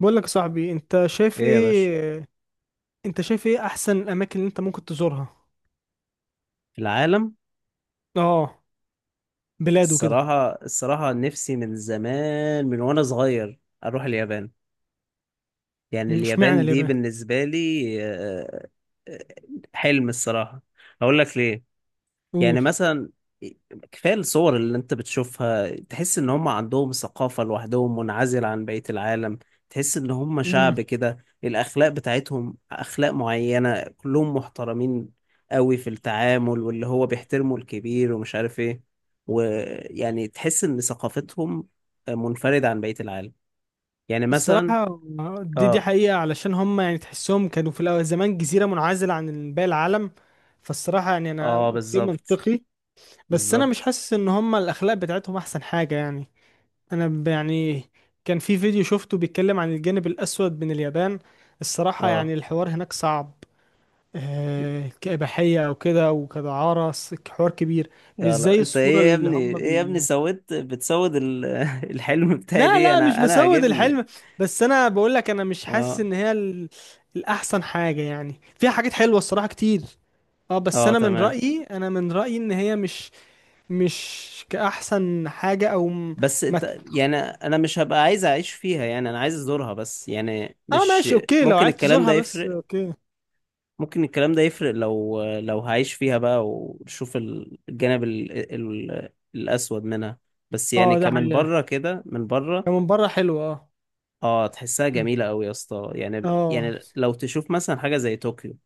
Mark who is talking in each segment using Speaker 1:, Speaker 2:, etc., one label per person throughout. Speaker 1: بقول لك يا صاحبي،
Speaker 2: ايه يا باشا.
Speaker 1: انت شايف ايه احسن الاماكن اللي انت ممكن تزورها؟
Speaker 2: العالم.
Speaker 1: اه، بلاد وكده.
Speaker 2: الصراحة، نفسي من زمان، من وانا صغير اروح اليابان. يعني
Speaker 1: اشمعنى
Speaker 2: اليابان دي
Speaker 1: اليابان؟
Speaker 2: بالنسبة لي آه، حلم الصراحة. اقول لك ليه. يعني
Speaker 1: قول.
Speaker 2: مثلا، كفاية الصور اللي انت بتشوفها تحس ان هم عندهم ثقافة لوحدهم منعزلة عن بقية العالم. تحس ان هم
Speaker 1: امم.
Speaker 2: شعب كده الاخلاق بتاعتهم اخلاق معينة كلهم محترمين قوي في التعامل، واللي هو بيحترموا الكبير ومش عارف ايه. ويعني تحس ان ثقافتهم منفردة عن بقية العالم، يعني مثلا.
Speaker 1: الصراحه، دي
Speaker 2: اه،
Speaker 1: حقيقه، علشان هم يعني تحسهم كانوا في الأول زمان جزيره منعزله عن باقي العالم. فالصراحه يعني انا
Speaker 2: اه،
Speaker 1: اوكي،
Speaker 2: بالظبط،
Speaker 1: منطقي، بس انا مش
Speaker 2: بالظبط،
Speaker 1: حاسس ان هم الاخلاق بتاعتهم احسن حاجه يعني. يعني كان في فيديو شفته بيتكلم عن الجانب الاسود من اليابان. الصراحه
Speaker 2: اه.
Speaker 1: يعني الحوار هناك صعب. كإباحية أو كده وكدعارة حوار كبير. مش
Speaker 2: يلا،
Speaker 1: زي
Speaker 2: انت
Speaker 1: الصورة
Speaker 2: ايه يا
Speaker 1: اللي
Speaker 2: ابني،
Speaker 1: هم
Speaker 2: ايه يا ابني
Speaker 1: بي
Speaker 2: سويت بتسود الحلم بتاعي
Speaker 1: لا،
Speaker 2: ليه؟
Speaker 1: لا، مش
Speaker 2: انا
Speaker 1: بسود
Speaker 2: عاجبني.
Speaker 1: الحلم. بس أنا بقول لك، أنا مش حاسس
Speaker 2: اه،
Speaker 1: إن هي. الأحسن حاجة، يعني فيها حاجات حلوة الصراحة كتير. اه، بس
Speaker 2: اه،
Speaker 1: أنا من
Speaker 2: تمام.
Speaker 1: رأيي أنا من رأيي إن هي مش. مش كأحسن حاجة أو.
Speaker 2: بس
Speaker 1: ما
Speaker 2: انت يعني، انا مش هبقى عايز اعيش فيها، يعني انا عايز ازورها بس، يعني
Speaker 1: اه،
Speaker 2: مش
Speaker 1: ماشي، أوكي، لو
Speaker 2: ممكن
Speaker 1: عايز
Speaker 2: الكلام ده
Speaker 1: تزورها بس،
Speaker 2: يفرق.
Speaker 1: أوكي.
Speaker 2: ممكن الكلام ده يفرق لو هعيش فيها بقى وشوف الجانب الاسود منها. بس يعني
Speaker 1: اه، ده
Speaker 2: كمان
Speaker 1: حقيقة.
Speaker 2: بره كده، من بره.
Speaker 1: هي من بره حلوة، اه،
Speaker 2: اه، تحسها جميلة قوي يا اسطى. يعني
Speaker 1: اه،
Speaker 2: يعني لو تشوف مثلا حاجة زي طوكيو،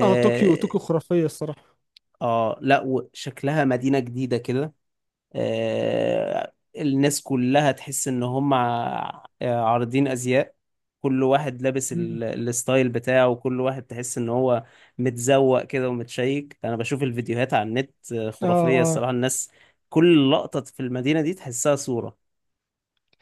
Speaker 1: اه، طوكيو طوكيو خرافية الصراحة.
Speaker 2: اه، لا، وشكلها مدينة جديدة كده. الناس كلها تحس ان هم عارضين ازياء. كل واحد لابس
Speaker 1: مم.
Speaker 2: الستايل بتاعه، وكل واحد تحس ان هو متزوق كده ومتشيك. انا بشوف الفيديوهات على النت،
Speaker 1: اه،
Speaker 2: خرافية
Speaker 1: اه،
Speaker 2: الصراحة الناس. كل لقطة في المدينة دي تحسها صورة.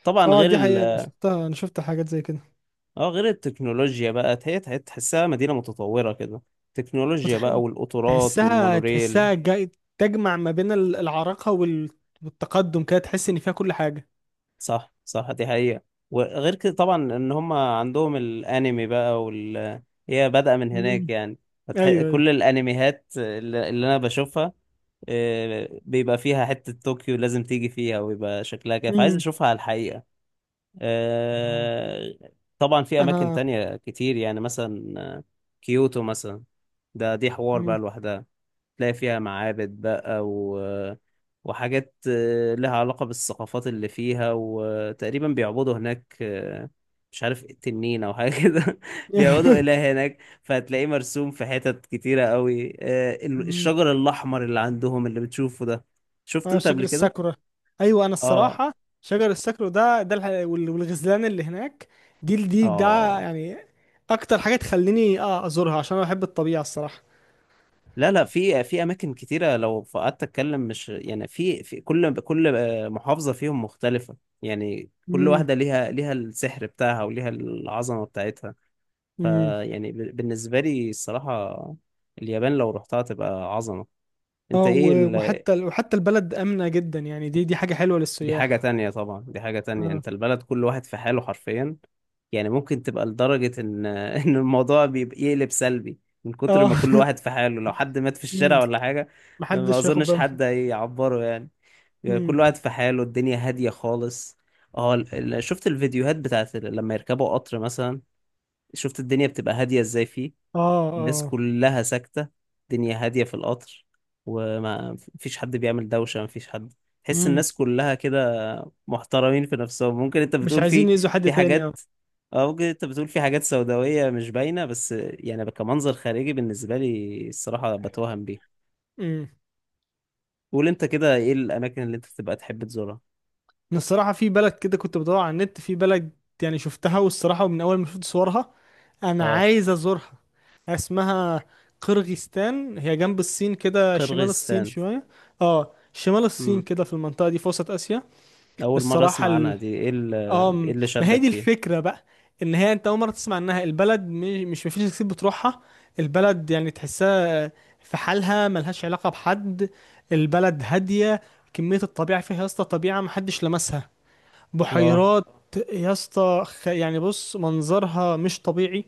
Speaker 2: طبعا
Speaker 1: اه،
Speaker 2: غير
Speaker 1: دي حقيقة، انا شفتها، انا شفت حاجات زي كده.
Speaker 2: اه، غير التكنولوجيا بقى، هي تحسها مدينة متطورة كده. تكنولوجيا
Speaker 1: وتح...
Speaker 2: بقى، والقطارات
Speaker 1: تحسها
Speaker 2: والمونوريل.
Speaker 1: تحسها تجمع ما بين العراقة والتقدم كده، تحس ان فيها كل حاجة.
Speaker 2: صح، صح، دي حقيقة. وغير كده طبعا ان هم عندهم الانمي بقى وال... هي بادئة من
Speaker 1: امم.
Speaker 2: هناك يعني.
Speaker 1: ايوه، ايوه.
Speaker 2: كل الانميهات اللي انا بشوفها، بيبقى فيها حتة طوكيو لازم تيجي فيها، ويبقى شكلها كده، فعايز
Speaker 1: امم.
Speaker 2: اشوفها على الحقيقة.
Speaker 1: آه.
Speaker 2: آه، طبعا في اماكن
Speaker 1: انا...
Speaker 2: تانية كتير، يعني مثلا كيوتو مثلا. دي حوار بقى
Speaker 1: امم.
Speaker 2: لوحدها. تلاقي فيها معابد بقى و... وحاجات لها علاقة بالثقافات اللي فيها. وتقريبا بيعبدوا هناك مش عارف تنين أو حاجة كده. بيعبدوا إله هناك، فهتلاقيه مرسوم في حتت كتيرة قوي.
Speaker 1: امم.
Speaker 2: الشجر الأحمر اللي عندهم، اللي بتشوفه ده، شفت
Speaker 1: اه،
Speaker 2: أنت قبل
Speaker 1: شجر
Speaker 2: كده؟
Speaker 1: الساكورا. ايوه، انا
Speaker 2: آه.
Speaker 1: الصراحة. شجر الساكورا ده، والغزلان اللي هناك. دي دي ده
Speaker 2: آه.
Speaker 1: يعني. اكتر حاجة تخليني ازورها، عشان انا بحب الطبيعة الصراحة.
Speaker 2: لا، لا، في اماكن كتيره، لو قعدت اتكلم مش يعني، في في كل محافظه فيهم مختلفه. يعني كل واحده ليها السحر بتاعها وليها العظمه بتاعتها.
Speaker 1: امم.
Speaker 2: فيعني بالنسبه لي الصراحه، اليابان لو رحتها تبقى عظمه. انت
Speaker 1: اه،
Speaker 2: ايه
Speaker 1: وحتى البلد آمنة جدا، يعني دي حاجة حلوة
Speaker 2: دي حاجه
Speaker 1: للسياح.
Speaker 2: تانية طبعا، دي حاجه تانية.
Speaker 1: اه،
Speaker 2: انت البلد كل واحد في حاله حرفيا. يعني ممكن تبقى لدرجه ان ان الموضوع بيبقى يقلب سلبي من كتر
Speaker 1: اه،
Speaker 2: ما كل واحد في حاله. لو حد مات في
Speaker 1: مم.
Speaker 2: الشارع ولا حاجه، ما
Speaker 1: محدش ياخد
Speaker 2: اظنش
Speaker 1: باله.
Speaker 2: حد هيعبره يعني. يعني
Speaker 1: مم.
Speaker 2: كل واحد في حاله، الدنيا هادية خالص. اه، شفت الفيديوهات بتاعت لما يركبوا قطر مثلا؟ شفت الدنيا بتبقى هادية ازاي؟ فيه
Speaker 1: اه،
Speaker 2: الناس
Speaker 1: اه.
Speaker 2: كلها ساكتة، الدنيا هادية في القطر، وما فيش حد بيعمل دوشة، ما فيش حد. تحس
Speaker 1: مم.
Speaker 2: الناس كلها كده محترمين في نفسهم، ممكن انت
Speaker 1: مش
Speaker 2: بتقول
Speaker 1: عايزين
Speaker 2: في
Speaker 1: يأذوا حد
Speaker 2: في
Speaker 1: تاني، اه.
Speaker 2: حاجات. اه، ممكن انت بتقول في حاجات سوداوية مش باينة، بس يعني كمنظر خارجي بالنسبة لي الصراحة بتوهم بيه.
Speaker 1: مم.
Speaker 2: قول انت كده، ايه الاماكن اللي انت بتبقى تحب تزورها؟
Speaker 1: أنا الصراحة في بلد كده، كنت بدور على النت، في بلد، يعني شفتها، والصراحة من أول ما شفت صورها، أنا
Speaker 2: اه،
Speaker 1: عايز أزورها. اسمها قرغيزستان، هي جنب الصين كده، شمال الصين
Speaker 2: قرغيزستان.
Speaker 1: شوية. اه، شمال الصين
Speaker 2: مم.
Speaker 1: كده، في المنطقة دي، في وسط آسيا.
Speaker 2: أول مرة
Speaker 1: الصراحة،
Speaker 2: أسمع عنها، دي إيه اللي، إيه اللي
Speaker 1: ما هي
Speaker 2: شدك
Speaker 1: دي
Speaker 2: فيها؟
Speaker 1: الفكرة بقى. إن هي، أنت أول مرة تسمع، إنها البلد مش مفيش ناس كتير بتروحها. البلد يعني تحسها، في حالها، ملهاش علاقة بحد. البلد هادية. كمية الطبيعة فيها يا اسطى، طبيعة محدش لمسها.
Speaker 2: آه،
Speaker 1: بحيرات يا اسطى، يعني بص، منظرها مش طبيعي.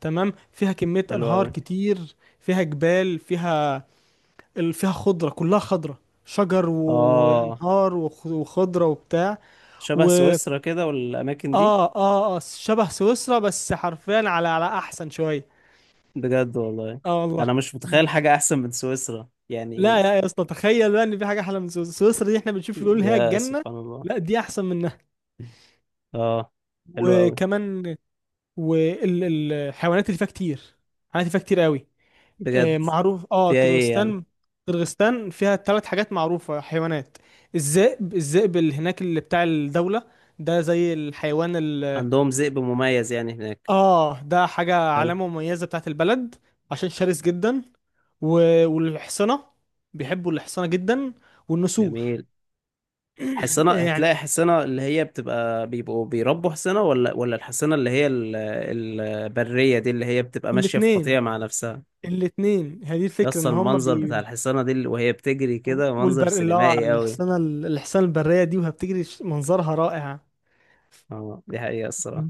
Speaker 1: تمام، فيها كمية
Speaker 2: حلو
Speaker 1: أنهار
Speaker 2: أوي.
Speaker 1: كتير، فيها جبال، فيها خضرة، كلها خضرة، شجر،
Speaker 2: آه،
Speaker 1: وأنهار، وخضرة وبتاع.
Speaker 2: شبه سويسرا كده والأماكن دي.
Speaker 1: اه، اه، اه، شبه سويسرا، بس حرفيا على احسن شويه.
Speaker 2: بجد والله؟
Speaker 1: اه، والله.
Speaker 2: أنا مش متخيل
Speaker 1: مم.
Speaker 2: حاجة أحسن من سويسرا، يعني إيه؟
Speaker 1: لا، يا اسطى، تخيل بقى ان في حاجه احلى من سويسرا، سويسرا دي احنا بنشوف بيقول هي
Speaker 2: يا
Speaker 1: الجنه.
Speaker 2: سبحان الله.
Speaker 1: لا، دي احسن منها.
Speaker 2: آه، حلو أوي.
Speaker 1: وكمان. والحيوانات اللي فيها كتير. حيوانات اللي فيها كتير قوي. آه،
Speaker 2: بجد؟
Speaker 1: معروف،
Speaker 2: فيها إيه يعني؟
Speaker 1: كرغستان. كرغستان فيها 3 حاجات معروفه، حيوانات. الذئب اللي هناك، اللي بتاع الدوله، ده زي الحيوان.
Speaker 2: عندهم ذئب مميز يعني هناك؟
Speaker 1: اه، ده حاجة،
Speaker 2: حلو.
Speaker 1: علامة مميزة بتاعت البلد. عشان شرس جدا. والحصنة. بيحبوا الحصنة جدا. والنسور.
Speaker 2: جميل. حصنة،
Speaker 1: يعني
Speaker 2: هتلاقي حصنة اللي هي بتبقى بيبقوا بيربوا حصنة، ولا الحصنة اللي هي البرية دي اللي هي بتبقى ماشية في
Speaker 1: الاتنين
Speaker 2: قطيع مع نفسها؟
Speaker 1: الاتنين هي دي الفكرة
Speaker 2: يس،
Speaker 1: ان هم
Speaker 2: المنظر بتاع
Speaker 1: بي.
Speaker 2: الحصانة دي وهي بتجري كده، منظر
Speaker 1: والبر اللي هو
Speaker 2: سينمائي قوي.
Speaker 1: الحصانة، الحصانة البرية دي وهي بتجري منظرها رائع.
Speaker 2: اه، دي حقيقة الصراحة.
Speaker 1: م.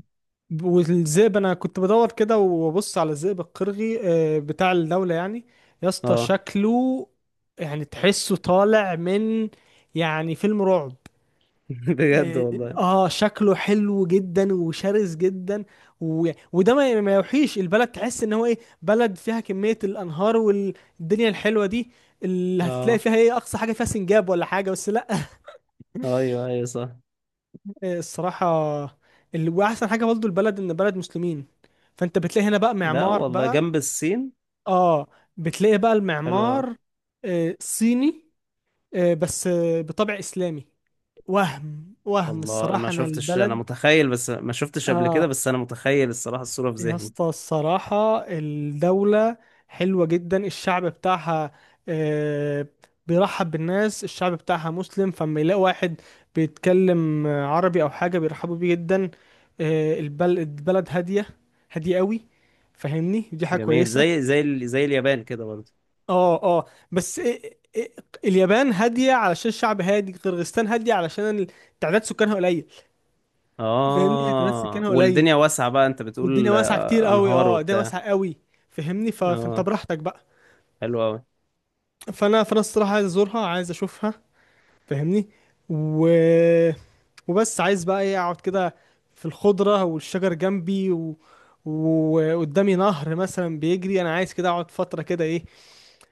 Speaker 1: والذئب، انا كنت بدور كده وابص على الذئب القرغي، بتاع الدولة يعني. يا اسطى
Speaker 2: اه.
Speaker 1: شكله، يعني تحسه طالع من، يعني فيلم رعب.
Speaker 2: بجد
Speaker 1: اه.
Speaker 2: والله.
Speaker 1: شكله حلو جدا وشرس جدا. وده ما يوحيش، البلد تحس ان هو ايه، بلد فيها كمية الانهار والدنيا الحلوة دي، اللي هتلاقي
Speaker 2: اه.
Speaker 1: فيها ايه؟ اقصى حاجة فيها سنجاب ولا حاجة، بس لا.
Speaker 2: ايوه، ايوه، صح.
Speaker 1: الصراحة. واحسن حاجة برضه البلد، ان بلد مسلمين. فانت بتلاقي هنا بقى
Speaker 2: لا
Speaker 1: معمار
Speaker 2: والله،
Speaker 1: بقى.
Speaker 2: جنب الصين.
Speaker 1: اه، بتلاقي بقى
Speaker 2: حلو أوي.
Speaker 1: المعمار. صيني. بس بطبع اسلامي. وهم
Speaker 2: الله، ما
Speaker 1: الصراحة انا
Speaker 2: شفتش، انا
Speaker 1: البلد.
Speaker 2: متخيل بس، ما شفتش قبل كده،
Speaker 1: اه،
Speaker 2: بس انا متخيل الصراحة الصورة في
Speaker 1: يا
Speaker 2: ذهني.
Speaker 1: اسطى، الصراحة الدولة حلوة جدا، الشعب بتاعها، آه، بيرحب بالناس، الشعب بتاعها مسلم، فلما يلاقي واحد بيتكلم عربي أو حاجة بيرحبوا بيه جدا. البلد هادية، هادية قوي. فاهمني؟ دي حاجة
Speaker 2: جميل،
Speaker 1: كويسة.
Speaker 2: زي زي اليابان كده برضه.
Speaker 1: اه، اه. بس إيه- اليابان هادية علشان الشعب هادي، قرغيزستان هادية علشان تعداد سكانها قليل. فاهمني؟ يعني تعداد
Speaker 2: اه،
Speaker 1: سكانها قليل،
Speaker 2: والدنيا واسعة بقى، انت
Speaker 1: والدنيا
Speaker 2: بتقول
Speaker 1: واسعه كتير قوي،
Speaker 2: انهار
Speaker 1: الدنيا
Speaker 2: وبتاع.
Speaker 1: واسعه قوي. فهمني، فانت
Speaker 2: اه،
Speaker 1: براحتك بقى.
Speaker 2: حلو قوي.
Speaker 1: فانا الصراحه عايز ازورها، عايز اشوفها. فهمني. و... وبس عايز بقى ايه، اقعد كده، في الخضره والشجر جنبي، وقدامي نهر مثلا بيجري، انا عايز كده اقعد فتره كده ايه.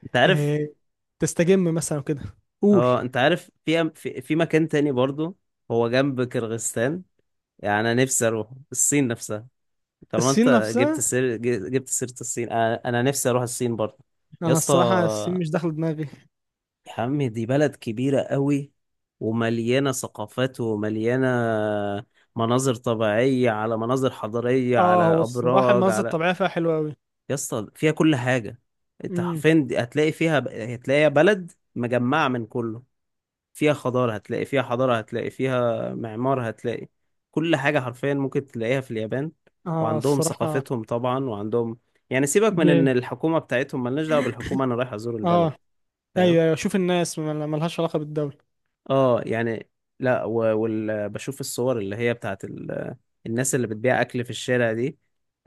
Speaker 2: انت عارف.
Speaker 1: إيه، تستجم مثلا كده. قول.
Speaker 2: اه، انت عارف في في مكان تاني برضو، هو جنب كرغستان. يعني انا نفسي اروح الصين نفسها. طالما
Speaker 1: الصين
Speaker 2: انت
Speaker 1: نفسها؟
Speaker 2: جبت سيرة الصين، انا نفسي اروح الصين برضو. يا
Speaker 1: انا
Speaker 2: اسطى،
Speaker 1: الصراحه الصين مش داخله دماغي.
Speaker 2: يا عم دي بلد كبيرة قوي، ومليانة ثقافات، ومليانة مناظر طبيعية، على مناظر حضارية، على
Speaker 1: اه، هو الصراحه
Speaker 2: أبراج،
Speaker 1: المناظر
Speaker 2: على...
Speaker 1: الطبيعيه فيها حلوه قوي.
Speaker 2: يا اسطى فيها كل حاجة. انت
Speaker 1: امم.
Speaker 2: حرفيا هتلاقي فيها، هتلاقي بلد مجمعة من كله. فيها خضار، هتلاقي فيها حضارة، هتلاقي فيها معمار، هتلاقي كل حاجة حرفيا ممكن تلاقيها في اليابان.
Speaker 1: اه،
Speaker 2: وعندهم
Speaker 1: الصراحه.
Speaker 2: ثقافتهم طبعا، وعندهم، يعني، سيبك من ان
Speaker 1: جامد.
Speaker 2: الحكومة بتاعتهم، ملناش دعوة بالحكومة، انا رايح ازور البلد.
Speaker 1: اه.
Speaker 2: فاهم؟
Speaker 1: ايوه، ايوه، شوف الناس ملهاش علاقه بالدوله.
Speaker 2: اه، يعني، لا و... بشوف الصور اللي هي بتاعت الناس اللي بتبيع اكل في الشارع دي.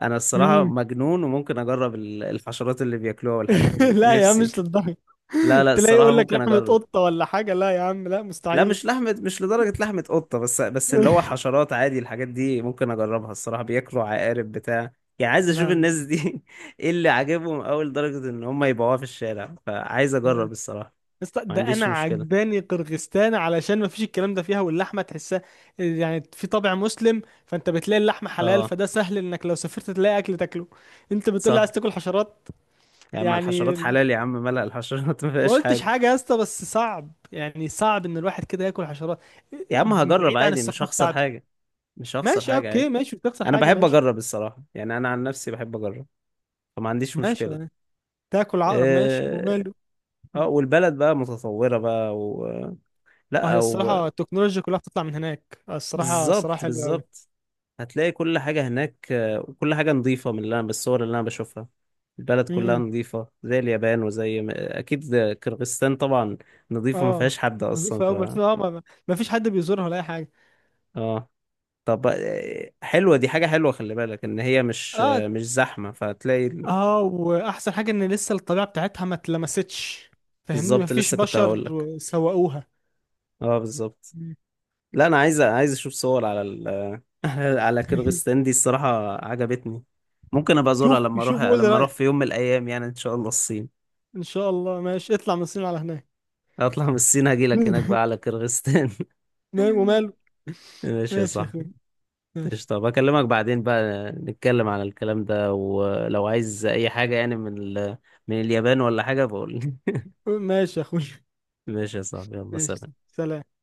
Speaker 2: انا الصراحة
Speaker 1: مم.
Speaker 2: مجنون، وممكن اجرب الحشرات اللي بياكلوها والحاجات دي
Speaker 1: لا، يا عم،
Speaker 2: نفسي.
Speaker 1: مش للدرجه.
Speaker 2: لا، لا،
Speaker 1: تلاقي
Speaker 2: الصراحة
Speaker 1: يقول لك
Speaker 2: ممكن
Speaker 1: لحمه
Speaker 2: اجرب.
Speaker 1: قطه ولا حاجه؟ لا يا عم، لا،
Speaker 2: لا،
Speaker 1: مستحيل.
Speaker 2: مش لحمة، مش لدرجة لحمة قطة، بس اللي هو حشرات عادي، الحاجات دي ممكن أجربها الصراحة. بياكلوا عقارب بتاع. يعني عايز أشوف
Speaker 1: لا
Speaker 2: الناس
Speaker 1: أنا-
Speaker 2: دي إيه اللي عاجبهم أوي لدرجة إن هم يبيعوها في الشارع، فعايز أجرب
Speaker 1: يا
Speaker 2: الصراحة.
Speaker 1: اسطى،
Speaker 2: ما
Speaker 1: ده انا
Speaker 2: عنديش مشكلة.
Speaker 1: عجباني قرغستان علشان ما فيش الكلام ده فيها، واللحمه تحسها، يعني في طابع مسلم، فانت بتلاقي اللحمه حلال،
Speaker 2: أه،
Speaker 1: فده سهل انك لو سافرت تلاقي اكل تاكله. انت بتقول لي عايز
Speaker 2: صح.
Speaker 1: تاكل حشرات؟
Speaker 2: يا عم
Speaker 1: يعني،
Speaker 2: الحشرات حلال يا عم، ملأ الحشرات ما
Speaker 1: ما
Speaker 2: فيهاش
Speaker 1: قلتش
Speaker 2: حاجة.
Speaker 1: حاجه يا اسطى، بس صعب، يعني صعب ان الواحد كده ياكل حشرات.
Speaker 2: يا عم هجرب
Speaker 1: بعيد عن
Speaker 2: عادي، مش
Speaker 1: الثقافه
Speaker 2: هخسر
Speaker 1: بتاعته.
Speaker 2: حاجة. مش هخسر
Speaker 1: ماشي،
Speaker 2: حاجة عادي.
Speaker 1: اوكي، ماشي، مش تخسر
Speaker 2: أنا
Speaker 1: حاجه،
Speaker 2: بحب
Speaker 1: ماشي.
Speaker 2: أجرب الصراحة، يعني أنا عن نفسي بحب أجرب، فما عنديش
Speaker 1: ماشي
Speaker 2: مشكلة.
Speaker 1: يعني. تاكل عقرب ماشي
Speaker 2: اه.
Speaker 1: وماله. مم.
Speaker 2: والبلد بقى متطورة بقى و...
Speaker 1: اه، هي
Speaker 2: لا.
Speaker 1: الصراحه التكنولوجيا كلها بتطلع من هناك، الصراحه
Speaker 2: بالظبط،
Speaker 1: حلوه قوي.
Speaker 2: بالظبط. هتلاقي كل حاجة هناك، وكل حاجة نظيفة، من اللي أنا بالصور اللي أنا بشوفها البلد كلها
Speaker 1: امم.
Speaker 2: نظيفة زي اليابان، وزي أكيد ده كرغستان طبعا، نظيفة ما
Speaker 1: اه،
Speaker 2: فيهاش حد أصلا،
Speaker 1: نظيفه
Speaker 2: ف...
Speaker 1: قوي، ما في اه ما ما ما فيش حد بيزورها ولا اي حاجه.
Speaker 2: آه. طب، حلوة، دي حاجة حلوة، خلي بالك إن هي مش
Speaker 1: اه،
Speaker 2: مش زحمة، فهتلاقي
Speaker 1: اه، واحسن حاجه ان لسه الطبيعه بتاعتها ما اتلمستش. فاهمني؟ ما
Speaker 2: بالظبط،
Speaker 1: فيش
Speaker 2: لسه كنت
Speaker 1: بشر.
Speaker 2: هقول لك.
Speaker 1: سوقوها.
Speaker 2: آه، بالظبط.
Speaker 1: مم.
Speaker 2: لا، أنا عايز أشوف صور على على كرغستان دي الصراحة. عجبتني. ممكن أبقى أزورها
Speaker 1: شوف
Speaker 2: لما أروح
Speaker 1: شوف، قول لي
Speaker 2: لما أروح
Speaker 1: رايك.
Speaker 2: في يوم من الأيام، يعني إن شاء الله الصين.
Speaker 1: ان شاء الله، ماشي، اطلع من الصين على هناك.
Speaker 2: اطلع من الصين هاجي لك هناك بقى على كرغستان.
Speaker 1: وماله.
Speaker 2: ماشي يا
Speaker 1: ماشي يا اخوي،
Speaker 2: صاحبي. ايش،
Speaker 1: ماشي.
Speaker 2: طب اكلمك بعدين بقى نتكلم على الكلام ده، ولو عايز اي حاجة يعني من من اليابان ولا حاجة بقول لي.
Speaker 1: ماشي يا اخوي.
Speaker 2: ماشي يا صاحبي، يلا
Speaker 1: ماشي،
Speaker 2: سلام.
Speaker 1: سلام.